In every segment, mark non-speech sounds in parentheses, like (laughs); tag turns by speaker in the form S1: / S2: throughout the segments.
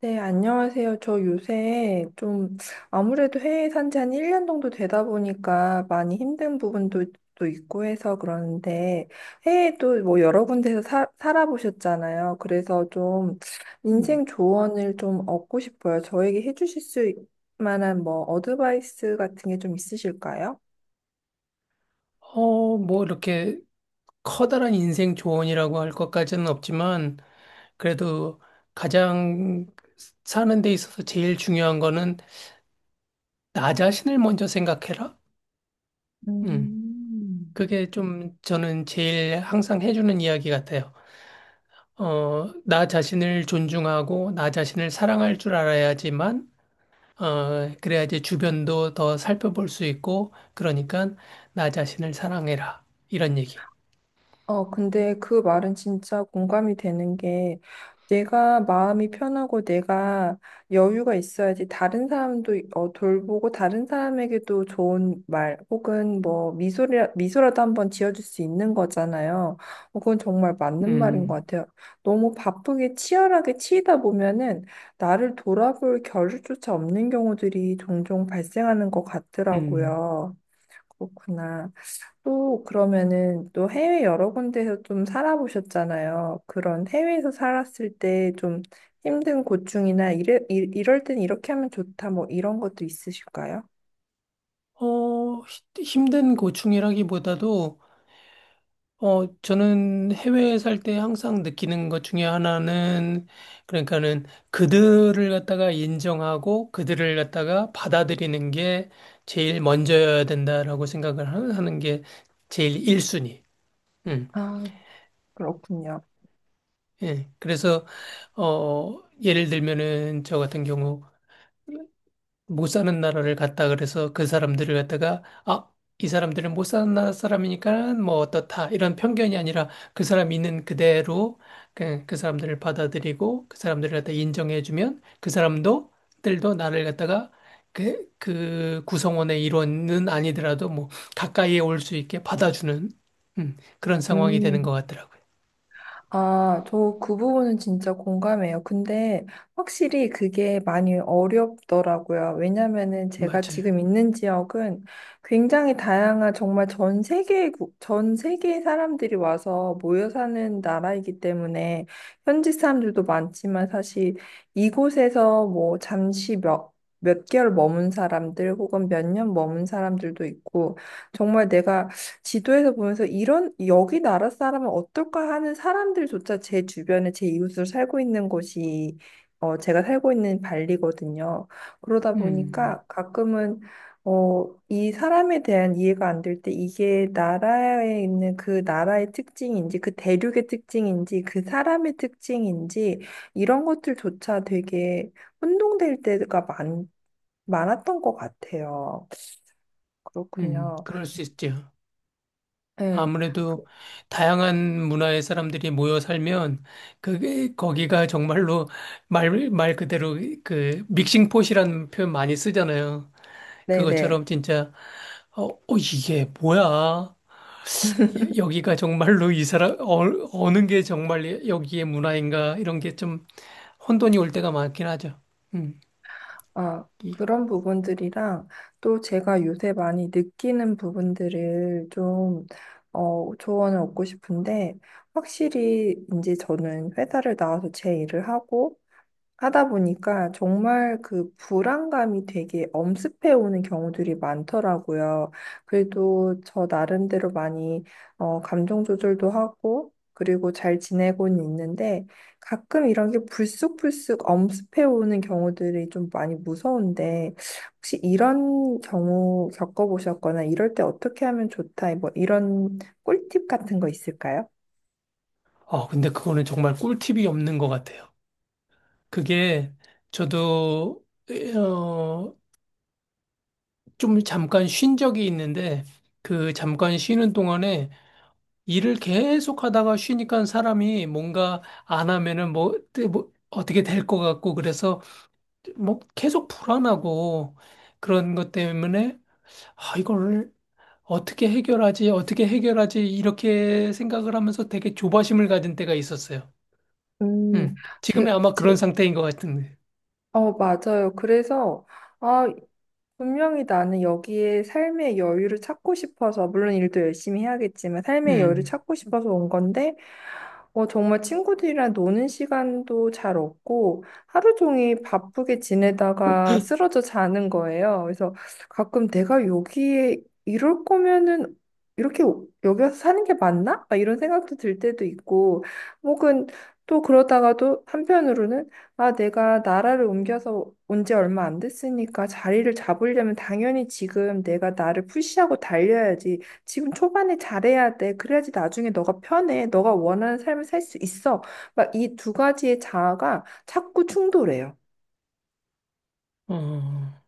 S1: 네, 안녕하세요. 저 요새 좀 아무래도 해외에 산지 한 1년 정도 되다 보니까 많이 힘든 부분도 또 있고 해서 그러는데 해외도 뭐 여러 군데서 살아보셨잖아요. 그래서 좀
S2: 음,
S1: 인생 조언을 좀 얻고 싶어요. 저에게 해주실 수 만한 뭐 어드바이스 같은 게 좀 있으실까요?
S2: 뭐 이렇게 커다란 인생 조언이라고 할 것까지는 없지만 그래도 가장 사는 데 있어서 제일 중요한 거는 나 자신을 먼저 생각해라. 음,
S1: 음.
S2: 그게 좀 저는 제일 항상 해주는 이야기 같아요. 나 자신을 존중하고 나 자신을 사랑할 줄 알아야지만 그래야지 주변도 더 살펴볼 수 있고 그러니까 나 자신을 사랑해라. 이런 얘기.
S1: 근데 그 말은 진짜 공감이 되는 게 내가 마음이 편하고 내가 여유가 있어야지 다른 사람도 돌보고 다른 사람에게도 좋은 말 혹은 뭐 미소라도 한번 지어줄 수 있는 거잖아요. 그건 정말 맞는 말인 것
S2: 음,
S1: 같아요. 너무 바쁘게 치열하게 치이다 보면은 나를 돌아볼 겨를조차 없는 경우들이 종종 발생하는 것
S2: 음.
S1: 같더라고요. 그렇구나. 또 그러면은 또 해외 여러 군데에서 좀 살아보셨잖아요. 그런 해외에서 살았을 때 좀 힘든 고충이나 이럴 땐 이렇게 하면 좋다 뭐 이런 것도 있으실까요?
S2: 어, 힘든 고충이라기보다도, 저는 해외에 살 때 항상 느끼는 것 중에 하나는, 그러니까는 그들을 갖다가 인정하고 그들을 갖다가 받아들이는 게 제일 먼저여야 된다라고 생각을 하는 게 제일 1순위. 음,
S1: 아, 그렇군요.
S2: 예. 그래서, 예를 들면은 저 같은 경우, 못 사는 나라를 갔다 그래서 그 사람들을 갖다가 아, 이 사람들은 못 사는 나라 사람이니까 뭐 어떻다 이런 편견이 아니라 그 사람이 있는 그대로 그 사람들을 받아들이고 그 사람들을 갖다 인정해주면 그 사람도 들도 나를 갖다가 그 구성원의 일원은 아니더라도 뭐 가까이에 올 수 있게 받아주는 그런 상황이 되는
S1: 음.
S2: 것 같더라고요.
S1: 아, 저 그 부분은 진짜 공감해요. 근데 확실히 그게 많이 어렵더라고요. 왜냐면은 제가
S2: 맞아요.
S1: 지금 있는 지역은 굉장히 다양한 정말 전 세계 사람들이 와서 모여 사는 나라이기 때문에 현지 사람들도 많지만 사실 이곳에서 뭐 잠시 몇 개월 머문 사람들 혹은 몇 년 머문 사람들도 있고 정말 내가 지도에서 보면서 이런 여기 나라 사람은 어떨까 하는 사람들조차 제 주변에 제 이웃으로 살고 있는 곳이 제가 살고 있는 발리거든요. 그러다
S2: 음,
S1: 보니까 가끔은 이 사람에 대한 이해가 안 될 때 이게 나라에 있는 그 나라의 특징인지 그 대륙의 특징인지 그 사람의 특징인지 이런 것들조차 되게 혼동될 때가 많았던 것 같아요. 그렇군요.
S2: 그럴 수 있죠.
S1: 네. 그-
S2: 아무래도 다양한 문화의 사람들이 모여 살면 그게 거기가 정말로 말 그대로 그 믹싱폿이라는 표현 많이 쓰잖아요.
S1: 네네.
S2: 그것처럼 진짜 이게 뭐야? 여기가 정말로 이 사람 어느 게 정말 여기의 문화인가 이런 게 좀 혼돈이 올 때가 많긴 하죠. 음.
S1: 아,
S2: 이-
S1: 그런 부분들이랑 또 제가 요새 많이 느끼는 부분들을 좀, 조언을 얻고 싶은데, 확실히 이제 저는 회사를 나와서 제 일을 하고, 하다 보니까 정말 그 불안감이 되게 엄습해 오는 경우들이 많더라고요. 그래도 저 나름대로 많이 감정 조절도 하고 그리고 잘 지내고는 있는데 가끔 이런 게 불쑥불쑥 엄습해 오는 경우들이 좀 많이 무서운데 혹시 이런 경우 겪어보셨거나 이럴 때 어떻게 하면 좋다 뭐 이런 꿀팁 같은 거 있을까요?
S2: 근데 그거는 정말 꿀팁이 없는 것 같아요. 그게 저도 어, 좀 잠깐 쉰 적이 있는데 그 잠깐 쉬는 동안에 일을 계속 하다가 쉬니까 사람이 뭔가 안 하면은 뭐, 뭐 어떻게 될 것 같고 그래서 뭐 계속 불안하고 그런 것 때문에 아, 이걸 어떻게 해결하지? 어떻게 해결하지? 이렇게 생각을 하면서 되게 조바심을 가진 때가 있었어요.
S1: 음.
S2: 지금이
S1: 제,
S2: 아마
S1: 제,
S2: 그런 상태인 것 같은데.
S1: 맞아요. 그래서, 아, 분명히 나는 여기에 삶의 여유를 찾고 싶어서, 물론 일도 열심히 해야겠지만, 삶의 여유를
S2: 음.
S1: 찾고 싶어서 온 건데, 정말 친구들이랑 노는 시간도 잘 없고, 하루 종일 바쁘게 지내다가 쓰러져 자는 거예요. 그래서 가끔 내가 여기에 이럴 거면은 이렇게 여기 와서 사는 게 맞나? 막 이런 생각도 들 때도 있고, 혹은 또 그러다가도 한편으로는 아, 내가 나라를 옮겨서 온지 얼마 안 됐으니까 자리를 잡으려면 당연히 지금 내가 나를 푸시하고 달려야지. 지금 초반에 잘해야 돼. 그래야지 나중에 너가 편해. 너가 원하는 삶을 살 수 있어. 막 이 두 가지의 자아가 자꾸 충돌해요.
S2: 어,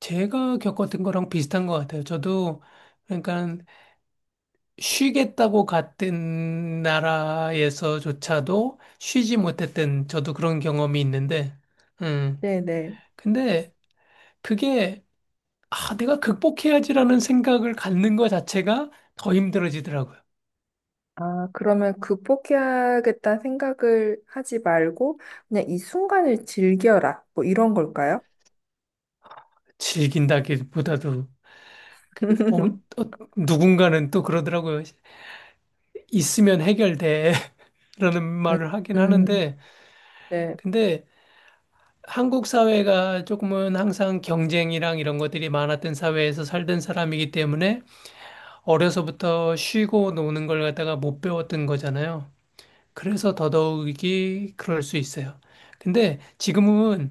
S2: 제가 겪었던 거랑 비슷한 것 같아요. 저도 그러니까 쉬겠다고 갔던 나라에서조차도 쉬지 못했던 저도 그런 경험이 있는데, 음,
S1: 네네.
S2: 근데 그게, 아, 내가 극복해야지라는 생각을 갖는 것 자체가 더 힘들어지더라고요.
S1: 아, 그러면 극복해야겠다는 생각을 하지 말고 그냥 이 순간을 즐겨라. 뭐 이런 걸까요?
S2: 즐긴다기보다도, 그, 어, 어,
S1: (laughs)
S2: 누군가는 또 그러더라고요. 있으면 해결돼. (laughs) 라는
S1: 음,
S2: 말을 하긴
S1: 음,
S2: 하는데,
S1: 네.
S2: 근데 한국 사회가 조금은 항상 경쟁이랑 이런 것들이 많았던 사회에서 살던 사람이기 때문에 어려서부터 쉬고 노는 걸 갖다가 못 배웠던 거잖아요. 그래서 더더욱이 그럴 수 있어요. 근데 지금은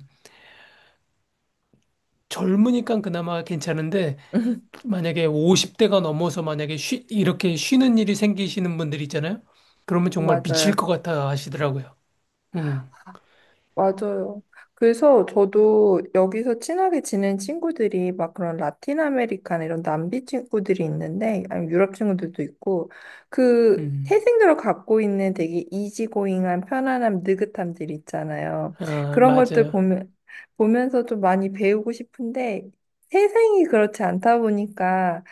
S2: 젊으니까 그나마 괜찮은데
S1: (laughs)
S2: 만약에 50대가 넘어서 만약에 이렇게 쉬는 일이 생기시는 분들 있잖아요. 그러면 정말 미칠
S1: 맞아요.
S2: 것 같아 하시더라고요. 음,
S1: 맞아요. 그래서 저도 여기서 친하게 지낸 친구들이 막 그런 라틴 아메리카나 이런 남비 친구들이 있는데, 아니 유럽 친구들도 있고, 그
S2: 음.
S1: 태생적으로 갖고 있는 되게 이지고잉한 편안함, 느긋함들 있잖아요.
S2: 아,
S1: 그런 것들
S2: 맞아요.
S1: 보면서 좀 많이 배우고 싶은데, 태생이 그렇지 않다 보니까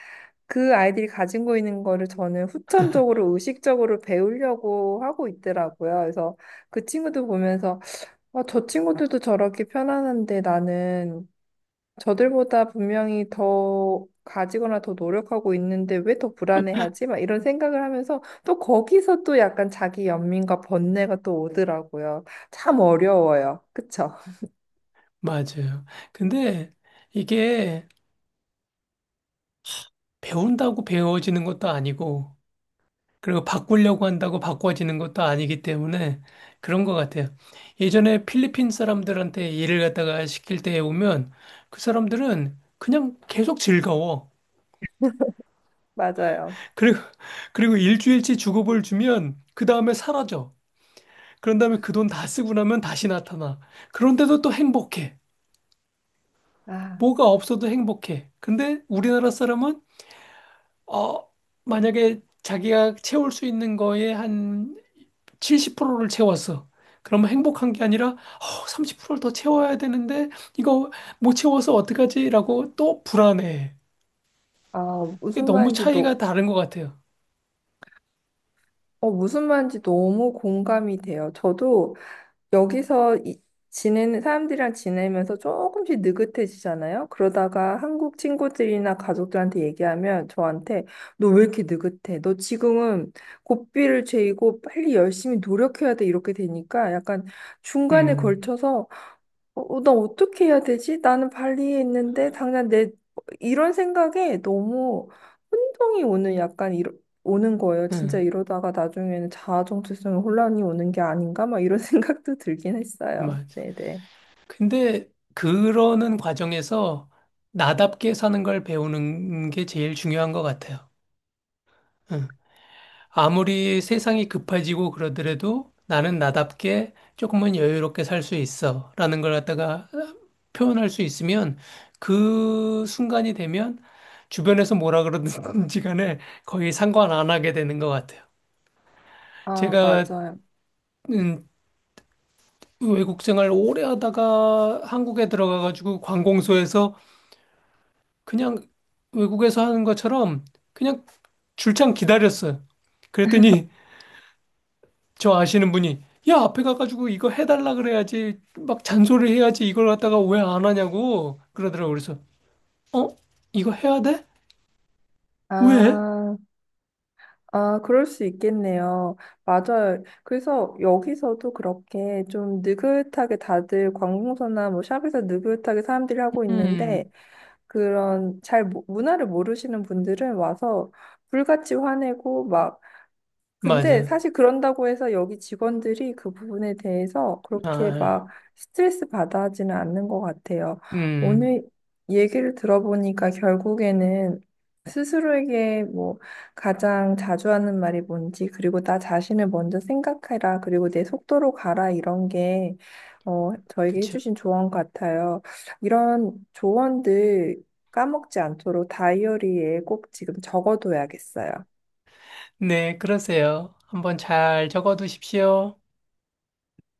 S1: 그 아이들이 가지고 있는 거를 저는 후천적으로, 의식적으로 배우려고 하고 있더라고요. 그래서 그 친구들 보면서 아, 저 친구들도 저렇게 편안한데 나는 저들보다 분명히 더 가지거나 더 노력하고 있는데 왜 더 불안해하지? 막 이런 생각을 하면서 또 거기서 또 약간 자기 연민과 번뇌가 또 오더라고요. 참 어려워요. 그쵸? (laughs)
S2: 맞아요. 근데 이게 배운다고 배워지는 것도 아니고 그리고 바꾸려고 한다고 바꿔지는 것도 아니기 때문에 그런 것 같아요. 예전에 필리핀 사람들한테 일을 갖다가 시킬 때에 오면 그 사람들은 그냥 계속 즐거워.
S1: 맞아요.
S2: 그리고, 그리고 일주일치 주급을 주면 그 다음에 사라져. 그런 다음에 그 돈 다 쓰고 나면 다시 나타나. 그런데도 또 행복해.
S1: 아,
S2: 뭐가 없어도 행복해. 근데 우리나라 사람은, 어, 만약에 자기가 채울 수 있는 거에 한 70%를 채웠어. 그러면 행복한 게 아니라 30%를 더 채워야 되는데 이거 못 채워서 어떡하지라고 또 불안해.
S1: 아,
S2: 이게
S1: 무슨
S2: 너무
S1: 말인지
S2: 차이가 다른 것 같아요.
S1: 무슨 말인지 너무 공감이 돼요. 저도 여기서 지내는 사람들이랑 지내면서 조금씩 느긋해지잖아요. 그러다가 한국 친구들이나 가족들한테 얘기하면 저한테 너 왜 이렇게 느긋해? 너 지금은 고삐를 죄이고 빨리 열심히 노력해야 돼. 이렇게 되니까 약간 중간에
S2: 음,
S1: 걸쳐서 나 어떻게 해야 되지? 나는 발리에 있는데 당장 내 이런 생각에 너무 혼동이 오는 약간 오는 거예요. 진짜
S2: 응,
S1: 이러다가 나중에는 자아 정체성에 혼란이 오는 게 아닌가? 막 이런 (laughs) 생각도 들긴 했어요.
S2: 맞아.
S1: 네네.
S2: 근데 그러는 과정에서 나답게 사는 걸 배우는 게 제일 중요한 것 같아요. 음. 아무리 세상이 급해지고 그러더라도 나는 나답게 조금은 여유롭게 살 수 있어. 라는 걸 갖다가 표현할 수 있으면 그 순간이 되면 주변에서 뭐라 그러든지 간에 거의 상관 안 하게 되는 것 같아요.
S1: 아,
S2: 제가,
S1: 맞아요.
S2: 음, 외국 생활 오래 하다가 한국에 들어가가지고 관공서에서 그냥 외국에서 하는 것처럼 그냥 줄창 기다렸어요. 그랬더니 저 아시는 분이 야 앞에 가가지고 이거 해달라 그래야지 막 잔소리 해야지 이걸 갖다가 왜 안 하냐고 그러더라고 그래서 어 이거 해야 돼? 왜?
S1: 아, 아, 그럴 수 있겠네요. 맞아요. 그래서 여기서도 그렇게 좀 느긋하게 다들 관공서나 뭐 샵에서 느긋하게 사람들이 하고
S2: 음,
S1: 있는데 그런 잘 문화를 모르시는 분들은 와서 불같이 화내고 막 근데
S2: 맞아.
S1: 사실 그런다고 해서 여기 직원들이 그 부분에 대해서 그렇게 막 스트레스 받아 하지는 않는 것 같아요.
S2: 아음.
S1: 오늘 얘기를 들어보니까 결국에는 스스로에게 뭐 가장 자주 하는 말이 뭔지, 그리고 나 자신을 먼저 생각해라, 그리고 내 속도로 가라, 이런 게, 저에게
S2: 그쵸.
S1: 해주신 조언 같아요. 이런 조언들 까먹지 않도록 다이어리에 꼭 지금 적어둬야겠어요.
S2: 네, 그러세요. 한번 잘 적어두십시오.